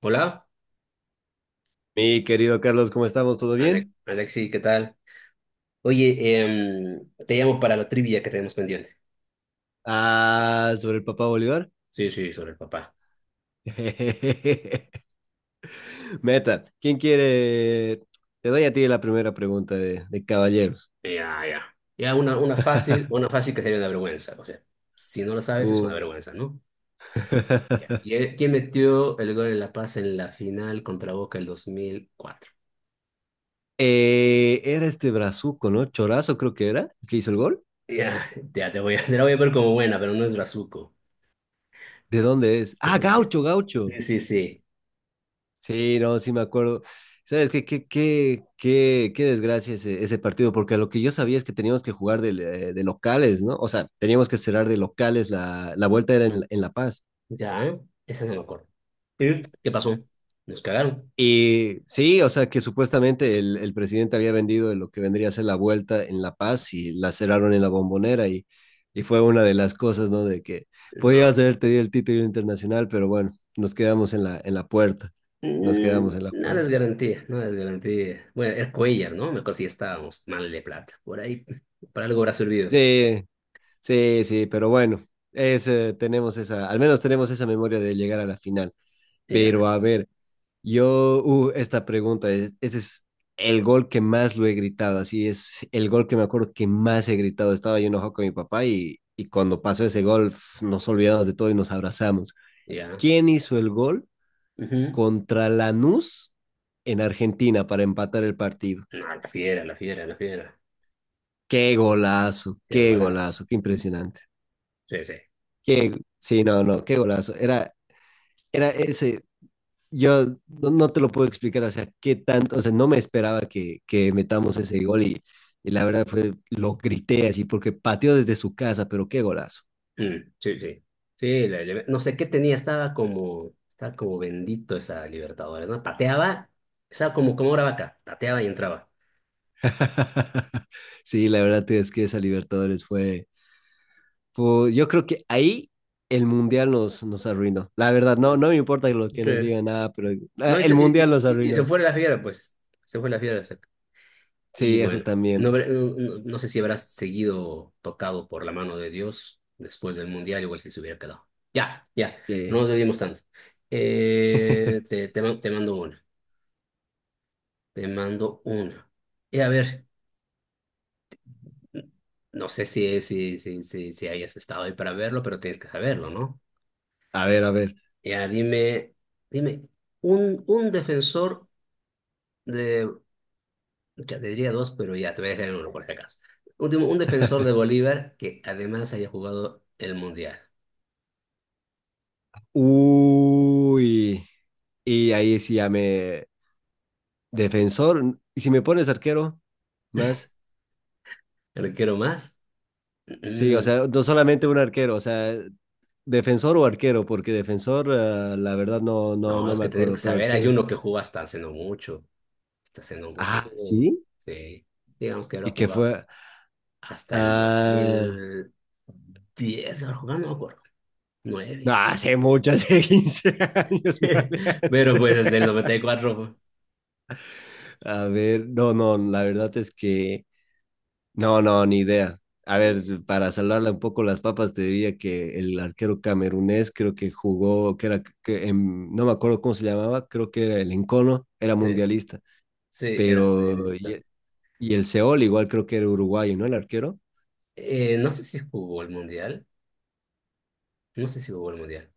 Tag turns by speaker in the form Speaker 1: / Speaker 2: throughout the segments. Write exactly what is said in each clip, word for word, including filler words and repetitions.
Speaker 1: Hola,
Speaker 2: Mi querido Carlos, ¿cómo estamos? ¿Todo
Speaker 1: Ale-
Speaker 2: bien?
Speaker 1: Alexi, ¿qué tal? Oye, em, te llamo para la trivia que tenemos pendiente.
Speaker 2: Ah, sobre el papá Bolívar.
Speaker 1: Sí, sí, sobre el papá.
Speaker 2: Meta, ¿quién quiere? Te doy a ti la primera pregunta de, de caballeros.
Speaker 1: Ya, ya. Ya, una, una fácil, una fácil que sería una vergüenza. O sea, si no lo sabes, es una
Speaker 2: Uh.
Speaker 1: vergüenza, ¿no? Ya. ¿Qui- ¿Quién metió el gol en La Paz en la final contra Boca el dos mil cuatro?
Speaker 2: Eh, era este brazuco, ¿no? Chorazo creo que era, el que hizo el gol.
Speaker 1: Ya, ya te voy a, te la voy a ver como buena, pero no es Brazuco.
Speaker 2: ¿De dónde es?
Speaker 1: Es
Speaker 2: Ah,
Speaker 1: el que-
Speaker 2: Gaucho, Gaucho.
Speaker 1: Sí, sí, sí.
Speaker 2: Sí, no, sí me acuerdo. ¿Sabes qué, qué, qué, qué, qué desgracia ese, ese partido? Porque lo que yo sabía es que teníamos que jugar de, eh, de locales, ¿no? O sea, teníamos que cerrar de locales, la, la vuelta era en, en La Paz.
Speaker 1: Ya, ¿eh? Esa no me acuerdo. ¿Qué pasó? ¿Nos cagaron?
Speaker 2: Y sí, o sea, que supuestamente el, el presidente había vendido lo que vendría a ser la vuelta en La Paz y la cerraron en la Bombonera y, y fue una de las cosas, ¿no? De que
Speaker 1: No.
Speaker 2: podías haber tenido el título internacional, pero bueno, nos quedamos en la, en la puerta, nos
Speaker 1: Mm,
Speaker 2: quedamos en la
Speaker 1: Nada es
Speaker 2: puerta.
Speaker 1: garantía, nada es garantía. Bueno, era Cuellar, ¿no? Me acuerdo si estábamos mal de plata. Por ahí, para algo habrá servido.
Speaker 2: Sí. Sí, sí, pero bueno, es, eh, tenemos esa, al menos tenemos esa memoria de llegar a la final.
Speaker 1: Ya,
Speaker 2: Pero a ver, yo, uh, esta pregunta es, ese es el gol que más lo he gritado, así es el gol que me acuerdo que más he gritado. Estaba yo enojado con mi papá y, y cuando pasó ese gol pf, nos olvidamos de todo y nos abrazamos.
Speaker 1: ya.
Speaker 2: ¿Quién hizo el gol
Speaker 1: Ujú.
Speaker 2: contra Lanús en Argentina para empatar el partido?
Speaker 1: No, la fiera, la fiera, la fiera.
Speaker 2: Qué golazo,
Speaker 1: Qué
Speaker 2: qué
Speaker 1: golazo.
Speaker 2: golazo, qué impresionante.
Speaker 1: Sí, sí.
Speaker 2: Qué, sí, no, no, qué golazo. Era, era ese. Yo no, no te lo puedo explicar, o sea, qué tanto, o sea, no me esperaba que, que metamos ese gol y, y la verdad fue, lo grité así porque pateó desde su casa, pero qué golazo.
Speaker 1: Mm, sí, sí. Sí, la- la- no sé qué tenía, estaba como, estaba como bendito esa Libertadores, ¿no? Pateaba, estaba como, como una vaca, pateaba y entraba.
Speaker 2: Sí, la verdad es que esa Libertadores fue, fue- yo creo que ahí el Mundial nos, nos arruinó. La verdad, no,
Speaker 1: Sí.
Speaker 2: no me importa lo que nos
Speaker 1: Sí.
Speaker 2: digan nada, pero
Speaker 1: No,
Speaker 2: ah,
Speaker 1: y
Speaker 2: el
Speaker 1: se, y,
Speaker 2: Mundial nos
Speaker 1: y- y se
Speaker 2: arruinó.
Speaker 1: fue la fiera, pues. Se fue la fiera. Y
Speaker 2: Sí, eso
Speaker 1: bueno, no,
Speaker 2: también.
Speaker 1: habrá- no, no- no sé si habrás seguido tocado por la mano de Dios después del Mundial, igual si se hubiera quedado. Ya, ya, no
Speaker 2: Sí.
Speaker 1: nos debimos tanto. Eh, te, te, ma- te mando una, te mando una, Y a ver, no sé si, si, si, si, si hayas estado ahí para verlo, pero tienes que saberlo, ¿no?
Speaker 2: A ver, a ver.
Speaker 1: Ya, dime, dime, un, un defensor de, ya te diría dos, pero ya, te voy a dejar en uno por si acaso. Último, un defensor de Bolívar que además haya jugado el Mundial.
Speaker 2: Uy. Y ahí sí ya me, defensor, y si me pones arquero, más.
Speaker 1: ¿Arquero más?
Speaker 2: Sí, o
Speaker 1: Mm,
Speaker 2: sea, no solamente un arquero, o sea, defensor o arquero, porque defensor, ah, la verdad no, no,
Speaker 1: No,
Speaker 2: no
Speaker 1: es
Speaker 2: me
Speaker 1: que tengo que
Speaker 2: acuerdo, pero
Speaker 1: saber, hay
Speaker 2: arquero.
Speaker 1: uno que jugó hasta hace no mucho, hasta hace no mucho
Speaker 2: Ah,
Speaker 1: jugó,
Speaker 2: sí.
Speaker 1: sí, digamos que habrá
Speaker 2: ¿Y qué
Speaker 1: jugado
Speaker 2: fue?
Speaker 1: hasta el dos
Speaker 2: Ah,
Speaker 1: mil diez habrá jugado, no me acuerdo,
Speaker 2: no,
Speaker 1: nueve,
Speaker 2: hace mucho, hace quince años,
Speaker 1: pero
Speaker 2: maleante.
Speaker 1: pues desde el noventa y cuatro,
Speaker 2: A ver, no, no, la verdad es que no, no, ni idea. A ver,
Speaker 1: fue.
Speaker 2: para salvarle un poco las papas, te diría que el arquero camerunés creo que jugó, que era, que en- no me acuerdo cómo se llamaba, creo que era el Encono, era
Speaker 1: Sí,
Speaker 2: mundialista,
Speaker 1: sí, era
Speaker 2: pero,
Speaker 1: mundialista.
Speaker 2: y, y el Seol igual creo que era uruguayo, ¿no? El arquero.
Speaker 1: Eh, no sé si jugó el mundial, no sé si jugó el mundial,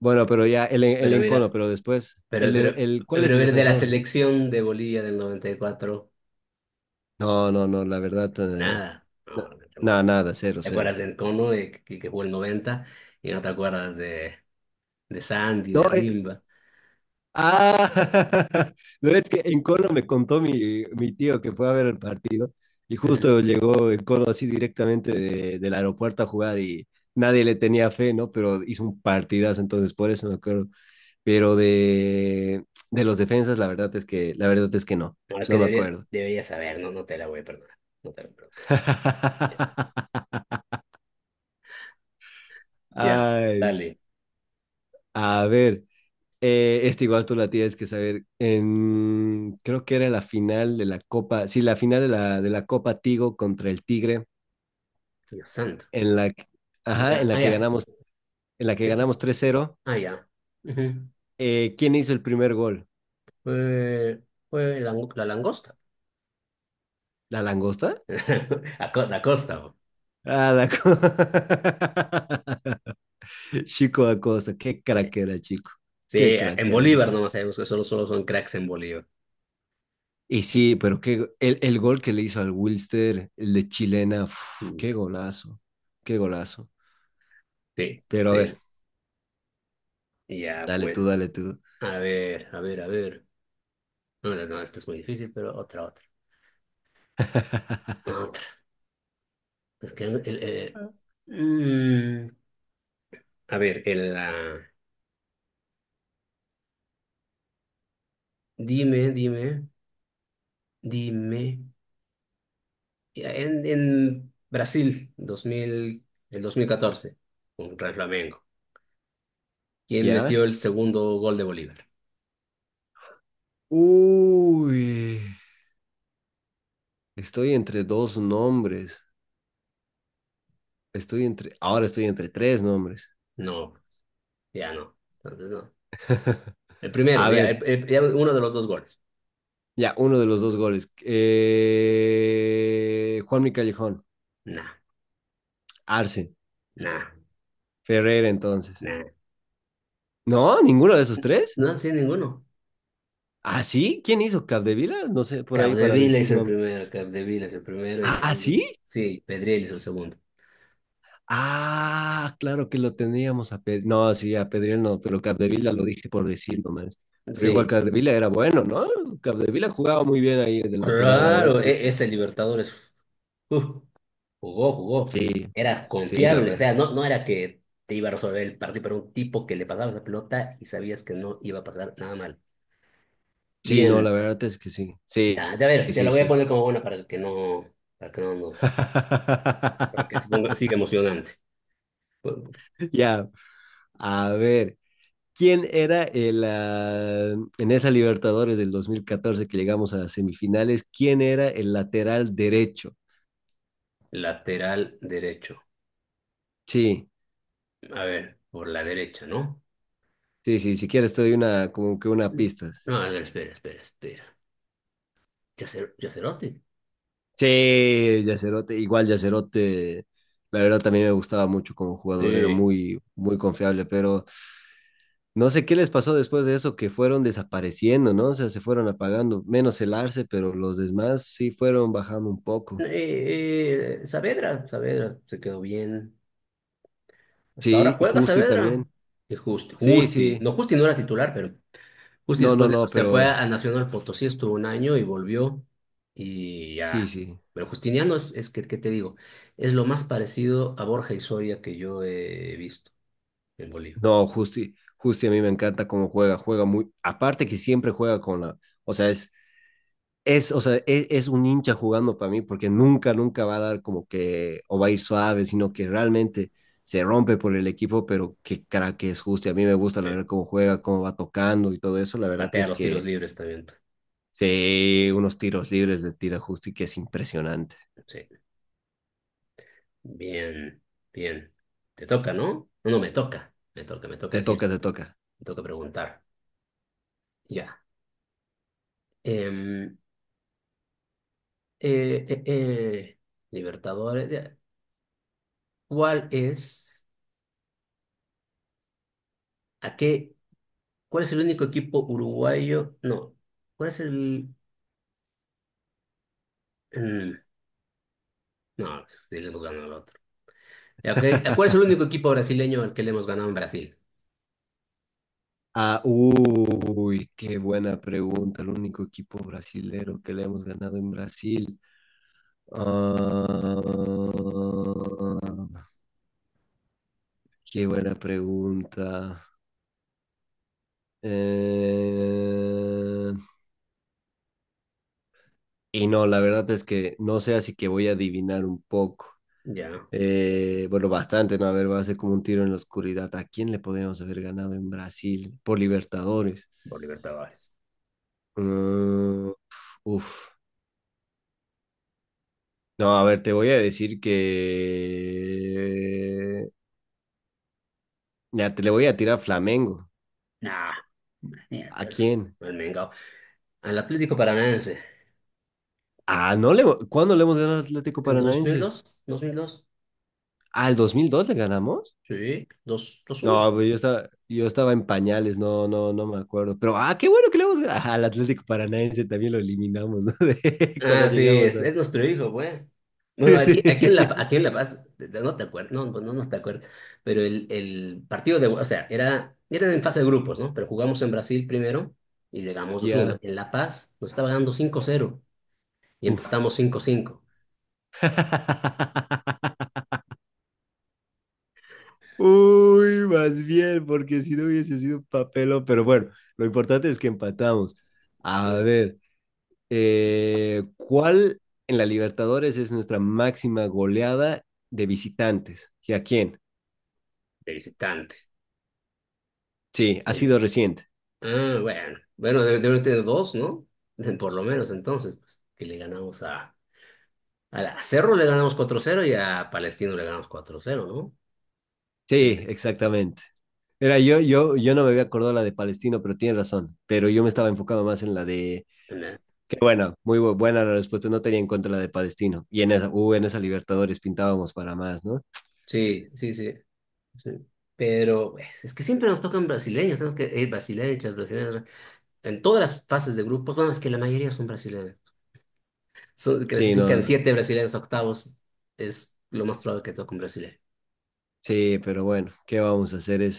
Speaker 2: Bueno, pero ya, el, el
Speaker 1: pero
Speaker 2: Encono,
Speaker 1: mira,
Speaker 2: pero después, el,
Speaker 1: pero,
Speaker 2: de-
Speaker 1: pero,
Speaker 2: el, ¿cuál es
Speaker 1: pero
Speaker 2: el
Speaker 1: mira, de la
Speaker 2: defensor?
Speaker 1: selección de Bolivia del noventa y cuatro,
Speaker 2: No, no, no, la verdad, eh,
Speaker 1: nada,
Speaker 2: na-
Speaker 1: no, no,
Speaker 2: nada,
Speaker 1: no.
Speaker 2: nada, cero,
Speaker 1: ¿Te
Speaker 2: cero.
Speaker 1: acuerdas de Encono, de, que, que jugó el noventa? Y no te acuerdas de, de Sandy,
Speaker 2: No,
Speaker 1: de
Speaker 2: e-
Speaker 1: Rimba.
Speaker 2: Ah, no es que en Cono me contó mi, mi tío que fue a ver el partido y
Speaker 1: Ujú.
Speaker 2: justo llegó en Cono así directamente de- del aeropuerto a jugar y nadie le tenía fe, ¿no? Pero hizo un partidazo, entonces por eso me acuerdo. Pero de, de los defensas, la verdad es que, la verdad es que no,
Speaker 1: No, es que
Speaker 2: no me
Speaker 1: debería,
Speaker 2: acuerdo.
Speaker 1: debería saber, no, no te la voy a perdonar. No te la voy a perdonar. Ya,
Speaker 2: Ay,
Speaker 1: dale.
Speaker 2: a ver, Eh, este igual tú la tienes que saber. En, creo que era la final de la Copa, sí, la final de la, de la Copa Tigo contra el Tigre,
Speaker 1: Dios santo.
Speaker 2: en la, que- ajá,
Speaker 1: Ya,
Speaker 2: en la
Speaker 1: ah,
Speaker 2: que
Speaker 1: ya.
Speaker 2: ganamos, en la que
Speaker 1: eh,
Speaker 2: ganamos tres cero.
Speaker 1: Ah, ya. Ujú.
Speaker 2: Eh, ¿quién hizo el primer gol?
Speaker 1: Fue, fue la, la langosta.
Speaker 2: ¿La langosta?
Speaker 1: A co- La costa. Bo.
Speaker 2: Ah, la co- Chico Acosta, qué
Speaker 1: Sí.
Speaker 2: crack era, chico.
Speaker 1: Sí,
Speaker 2: Qué
Speaker 1: eh,
Speaker 2: crack
Speaker 1: en
Speaker 2: era ese
Speaker 1: Bolívar
Speaker 2: gol.
Speaker 1: nomás sabemos que solo, solo son cracks en Bolívar.
Speaker 2: Y sí, pero qué, go- el, el gol que le hizo al Wilster, el de Chilena, uf,
Speaker 1: Mm.
Speaker 2: qué golazo, qué golazo.
Speaker 1: Sí,
Speaker 2: Pero a
Speaker 1: sí.
Speaker 2: ver,
Speaker 1: Ya,
Speaker 2: dale tú,
Speaker 1: pues.
Speaker 2: dale tú.
Speaker 1: A ver, a ver, a ver. No, no, no, esto es muy difícil, pero otra, otra. Otra. Porque el- el- el- mm, a ver, el, ah, dime, dime, dime. Ya, En, en Brasil, dos mil el dos mil catorce contra el Flamengo. ¿Quién metió
Speaker 2: ¿Ya?
Speaker 1: el segundo gol de Bolívar?
Speaker 2: Uy, estoy entre dos nombres. Estoy entre, ahora estoy entre tres nombres.
Speaker 1: No, ya no. Entonces no. El primero,
Speaker 2: A
Speaker 1: ya,
Speaker 2: ver,
Speaker 1: el- el- ya uno de los dos goles.
Speaker 2: ya, uno de los dos goles. Eh, Juanmi Callejón,
Speaker 1: Nah,
Speaker 2: Arce,
Speaker 1: nah,
Speaker 2: Ferreira entonces.
Speaker 1: nah.
Speaker 2: No, ninguno de esos tres.
Speaker 1: No, sí, ninguno.
Speaker 2: ¿Ah, sí? ¿Quién hizo Capdevila? No sé, por ahí para
Speaker 1: Capdevila
Speaker 2: decir
Speaker 1: hizo el
Speaker 2: nombre.
Speaker 1: primero, Capdevila hizo el primero y el
Speaker 2: ¿Ah,
Speaker 1: segundo.
Speaker 2: sí?
Speaker 1: Sí, Pedriel hizo el segundo.
Speaker 2: Ah, claro que lo teníamos a Pedri. No, sí, a Pedri no, pero Capdevila lo dije por decir nomás. Pero igual
Speaker 1: Sí,
Speaker 2: Capdevila era bueno, ¿no? Capdevila jugaba muy bien ahí de lateral, la verdad
Speaker 1: claro, e-
Speaker 2: también.
Speaker 1: ese Libertadores uf, jugó, jugó.
Speaker 2: Sí,
Speaker 1: Era
Speaker 2: sí, la
Speaker 1: confiable, o
Speaker 2: verdad.
Speaker 1: sea, no, no era que te iba a resolver el partido, pero un tipo que le pasaba esa pelota y sabías que no iba a pasar nada mal.
Speaker 2: Sí, no, la
Speaker 1: Bien,
Speaker 2: verdad es que sí. Sí,
Speaker 1: ya, ya a ver, te la
Speaker 2: sí,
Speaker 1: voy a
Speaker 2: sí.
Speaker 1: poner como buena para que no, para que no nos, para que se ponga, siga emocionante.
Speaker 2: Ya, a ver. ¿Quién era el, ah, en esa Libertadores del dos mil catorce que llegamos a las semifinales? ¿Quién era el lateral derecho?
Speaker 1: Lateral derecho.
Speaker 2: Sí.
Speaker 1: A ver, por la derecha, ¿no?
Speaker 2: Sí, sí, si quieres te doy una, como que una pista.
Speaker 1: No, a ver, espera, espera, espera. Yacer- Yacerote.
Speaker 2: Sí, Yacerote, igual Yacerote, la verdad también me gustaba mucho como jugador, era
Speaker 1: Eh,
Speaker 2: muy, muy confiable, pero no sé qué les pasó después de eso, que fueron desapareciendo, ¿no? O sea, se fueron apagando, menos el Arce, pero los demás sí fueron bajando un poco.
Speaker 1: eh, eh, Saavedra, Saavedra se quedó bien. Hasta ahora
Speaker 2: Sí,
Speaker 1: juega
Speaker 2: Justi
Speaker 1: Saavedra.
Speaker 2: también.
Speaker 1: Y Justi,
Speaker 2: Sí,
Speaker 1: Justi,
Speaker 2: sí.
Speaker 1: no, Justi no era titular, pero Justi
Speaker 2: No,
Speaker 1: después
Speaker 2: no,
Speaker 1: de eso
Speaker 2: no,
Speaker 1: se fue
Speaker 2: pero
Speaker 1: a Nacional Potosí, estuvo un año y volvió y
Speaker 2: sí,
Speaker 1: ya.
Speaker 2: sí.
Speaker 1: Pero Justiniano es, es que, ¿qué te digo? Es lo más parecido a Borja y Soria que yo he visto en Bolivia.
Speaker 2: No, Justi, Justi a mí me encanta cómo juega, juega muy, aparte que siempre juega con la, o sea, es es, o sea, es, es, un hincha jugando para mí porque nunca, nunca va a dar como que o va a ir suave, sino que realmente se rompe por el equipo, pero qué cara que es justi a mí me gusta la
Speaker 1: Sí.
Speaker 2: verdad cómo juega, cómo va tocando y todo eso. La verdad
Speaker 1: Patea
Speaker 2: es
Speaker 1: los tiros
Speaker 2: que
Speaker 1: libres también.
Speaker 2: sí, unos tiros libres de tira justi que es impresionante.
Speaker 1: Sí, bien, bien. Te toca, ¿no? No, no, me toca, me toca, me toca
Speaker 2: Te toca,
Speaker 1: decirte,
Speaker 2: te toca.
Speaker 1: me toca preguntar. Ya. Em, eh, eh, eh, Libertadores. Ya. ¿Cuál es, a qué, cuál es el único equipo uruguayo? No, ¿cuál es el… mm, no, sí le hemos ganado al otro. Ya, ok, ¿a ¿Cuál es el único equipo brasileño al que le hemos ganado en Brasil?
Speaker 2: Ah, uy, qué buena pregunta. El único equipo brasilero que le hemos ganado en Brasil. Uh... Qué buena pregunta. Eh, Y no, la verdad es que no sé, así que voy a adivinar un poco.
Speaker 1: Ya,
Speaker 2: Eh, bueno, bastante, ¿no? A ver, va a ser como un tiro en la oscuridad. ¿A quién le podríamos haber ganado en Brasil por Libertadores?
Speaker 1: por Libertadores.
Speaker 2: Mm, uf. No, a ver, te voy a decir que... Ya, te le voy a tirar Flamengo.
Speaker 1: Nah,
Speaker 2: ¿A
Speaker 1: mierda, el
Speaker 2: quién?
Speaker 1: el Mengao. Al Atlético Paranaense.
Speaker 2: Ah, no le... ¿Cuándo le hemos ganado al Atlético
Speaker 1: ¿El dos mil
Speaker 2: Paranaense?
Speaker 1: dos? Dos mil mil dos.
Speaker 2: Ah, ¿el dos mil dos le ganamos?
Speaker 1: Sí, dos uno.
Speaker 2: No, pues yo estaba, yo estaba en pañales, no, no, no me acuerdo. Pero, ah, qué bueno que le vamos ah, al Atlético Paranaense también lo eliminamos, ¿no? De- cuando
Speaker 1: Ah, sí,
Speaker 2: llegamos
Speaker 1: es,
Speaker 2: a...
Speaker 1: es nuestro hijo, pues. Bueno, aquí, aquí, en La, aquí en La Paz, no te acuerdas, no, pues, no, no te acuerdas, pero el, el partido de, o sea, era, eran en fase de grupos, ¿no? Pero jugamos en Brasil primero y llegamos dos uno.
Speaker 2: Ya,
Speaker 1: En La Paz nos estaba ganando cinco cero y
Speaker 2: uf.
Speaker 1: empatamos cinco cinco.
Speaker 2: Uy, más bien, porque si no hubiese sido un papelón. Pero bueno, lo importante es que empatamos. A
Speaker 1: eh,
Speaker 2: ver, eh, ¿cuál en la Libertadores es nuestra máxima goleada de visitantes? ¿Y a quién?
Speaker 1: de visitante.
Speaker 2: Sí, ha
Speaker 1: de
Speaker 2: sido
Speaker 1: vi-
Speaker 2: reciente.
Speaker 1: Ah, bueno, bueno, debe debe tener dos, ¿no? Por lo menos entonces, pues, que le ganamos a, a, la- a Cerro le ganamos cuatro cero y a Palestino le ganamos cuatro cero, ¿no? Sí,
Speaker 2: Sí, exactamente. Era yo, yo, yo no me había acordado la de Palestino, pero tienes razón. Pero yo me estaba enfocado más en la de,
Speaker 1: en la-
Speaker 2: que bueno, muy bu- buena la respuesta, no tenía en cuenta la de Palestino. Y en esa, uh, en esa Libertadores pintábamos para más, ¿no?
Speaker 1: sí, sí, sí. Sí. Pero pues, es que siempre nos tocan brasileños, tenemos que ir brasileños, brasileños, en todas las fases de grupos, bueno, es que la mayoría son brasileños. So-
Speaker 2: Sí, no,
Speaker 1: clasifican
Speaker 2: no.
Speaker 1: siete brasileños a octavos, es lo más probable que toque un brasileño.
Speaker 2: Sí, pero bueno, ¿qué vamos a hacer? Es,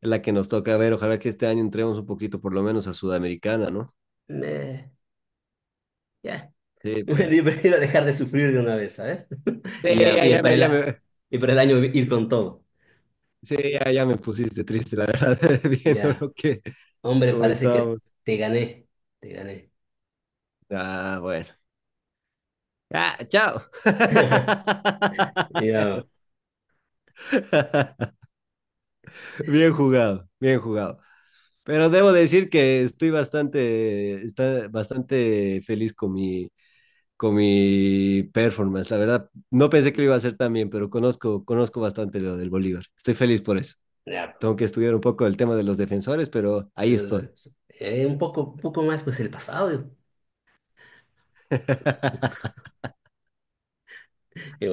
Speaker 2: es la que nos toca ver. Ojalá que este año entremos un poquito, por lo menos, a Sudamericana, ¿no?
Speaker 1: Me- ya.
Speaker 2: Sí,
Speaker 1: Bueno,
Speaker 2: pero,
Speaker 1: yo prefiero dejar de sufrir de una vez, ¿sabes?
Speaker 2: sí,
Speaker 1: Y, ya,
Speaker 2: ya,
Speaker 1: y,
Speaker 2: ya
Speaker 1: para
Speaker 2: me,
Speaker 1: el,
Speaker 2: ya
Speaker 1: a-
Speaker 2: me,
Speaker 1: y para el año ir con todo.
Speaker 2: sí, ya, ya me pusiste triste, la verdad, viendo
Speaker 1: Ya,
Speaker 2: lo que,
Speaker 1: hombre,
Speaker 2: cómo
Speaker 1: parece que
Speaker 2: estábamos.
Speaker 1: te gané, te gané.
Speaker 2: Ah, bueno. Ah, chao.
Speaker 1: Ya,
Speaker 2: Bien jugado, bien jugado. Pero debo decir que estoy bastante, está bastante feliz con mi, con mi performance. La verdad, no pensé que lo iba a hacer tan bien, pero conozco, conozco bastante lo del Bolívar. Estoy feliz por eso.
Speaker 1: ya.
Speaker 2: Tengo que estudiar un poco el tema de los defensores, pero ahí estoy.
Speaker 1: Pues, Eh, Un poco, un poco, más, pues el pasado. yo-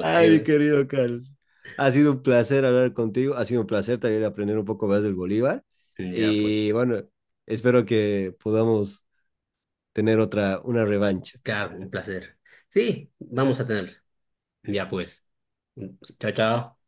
Speaker 2: Ay, mi querido Carlos. Ha sido un placer hablar contigo. Ha sido un placer también aprender un poco más del Bolívar.
Speaker 1: yo- ya, pues.
Speaker 2: Y bueno, espero que podamos tener otra, una revancha.
Speaker 1: Claro, un placer. Sí, vamos a tener. Ya pues. Chao, chao.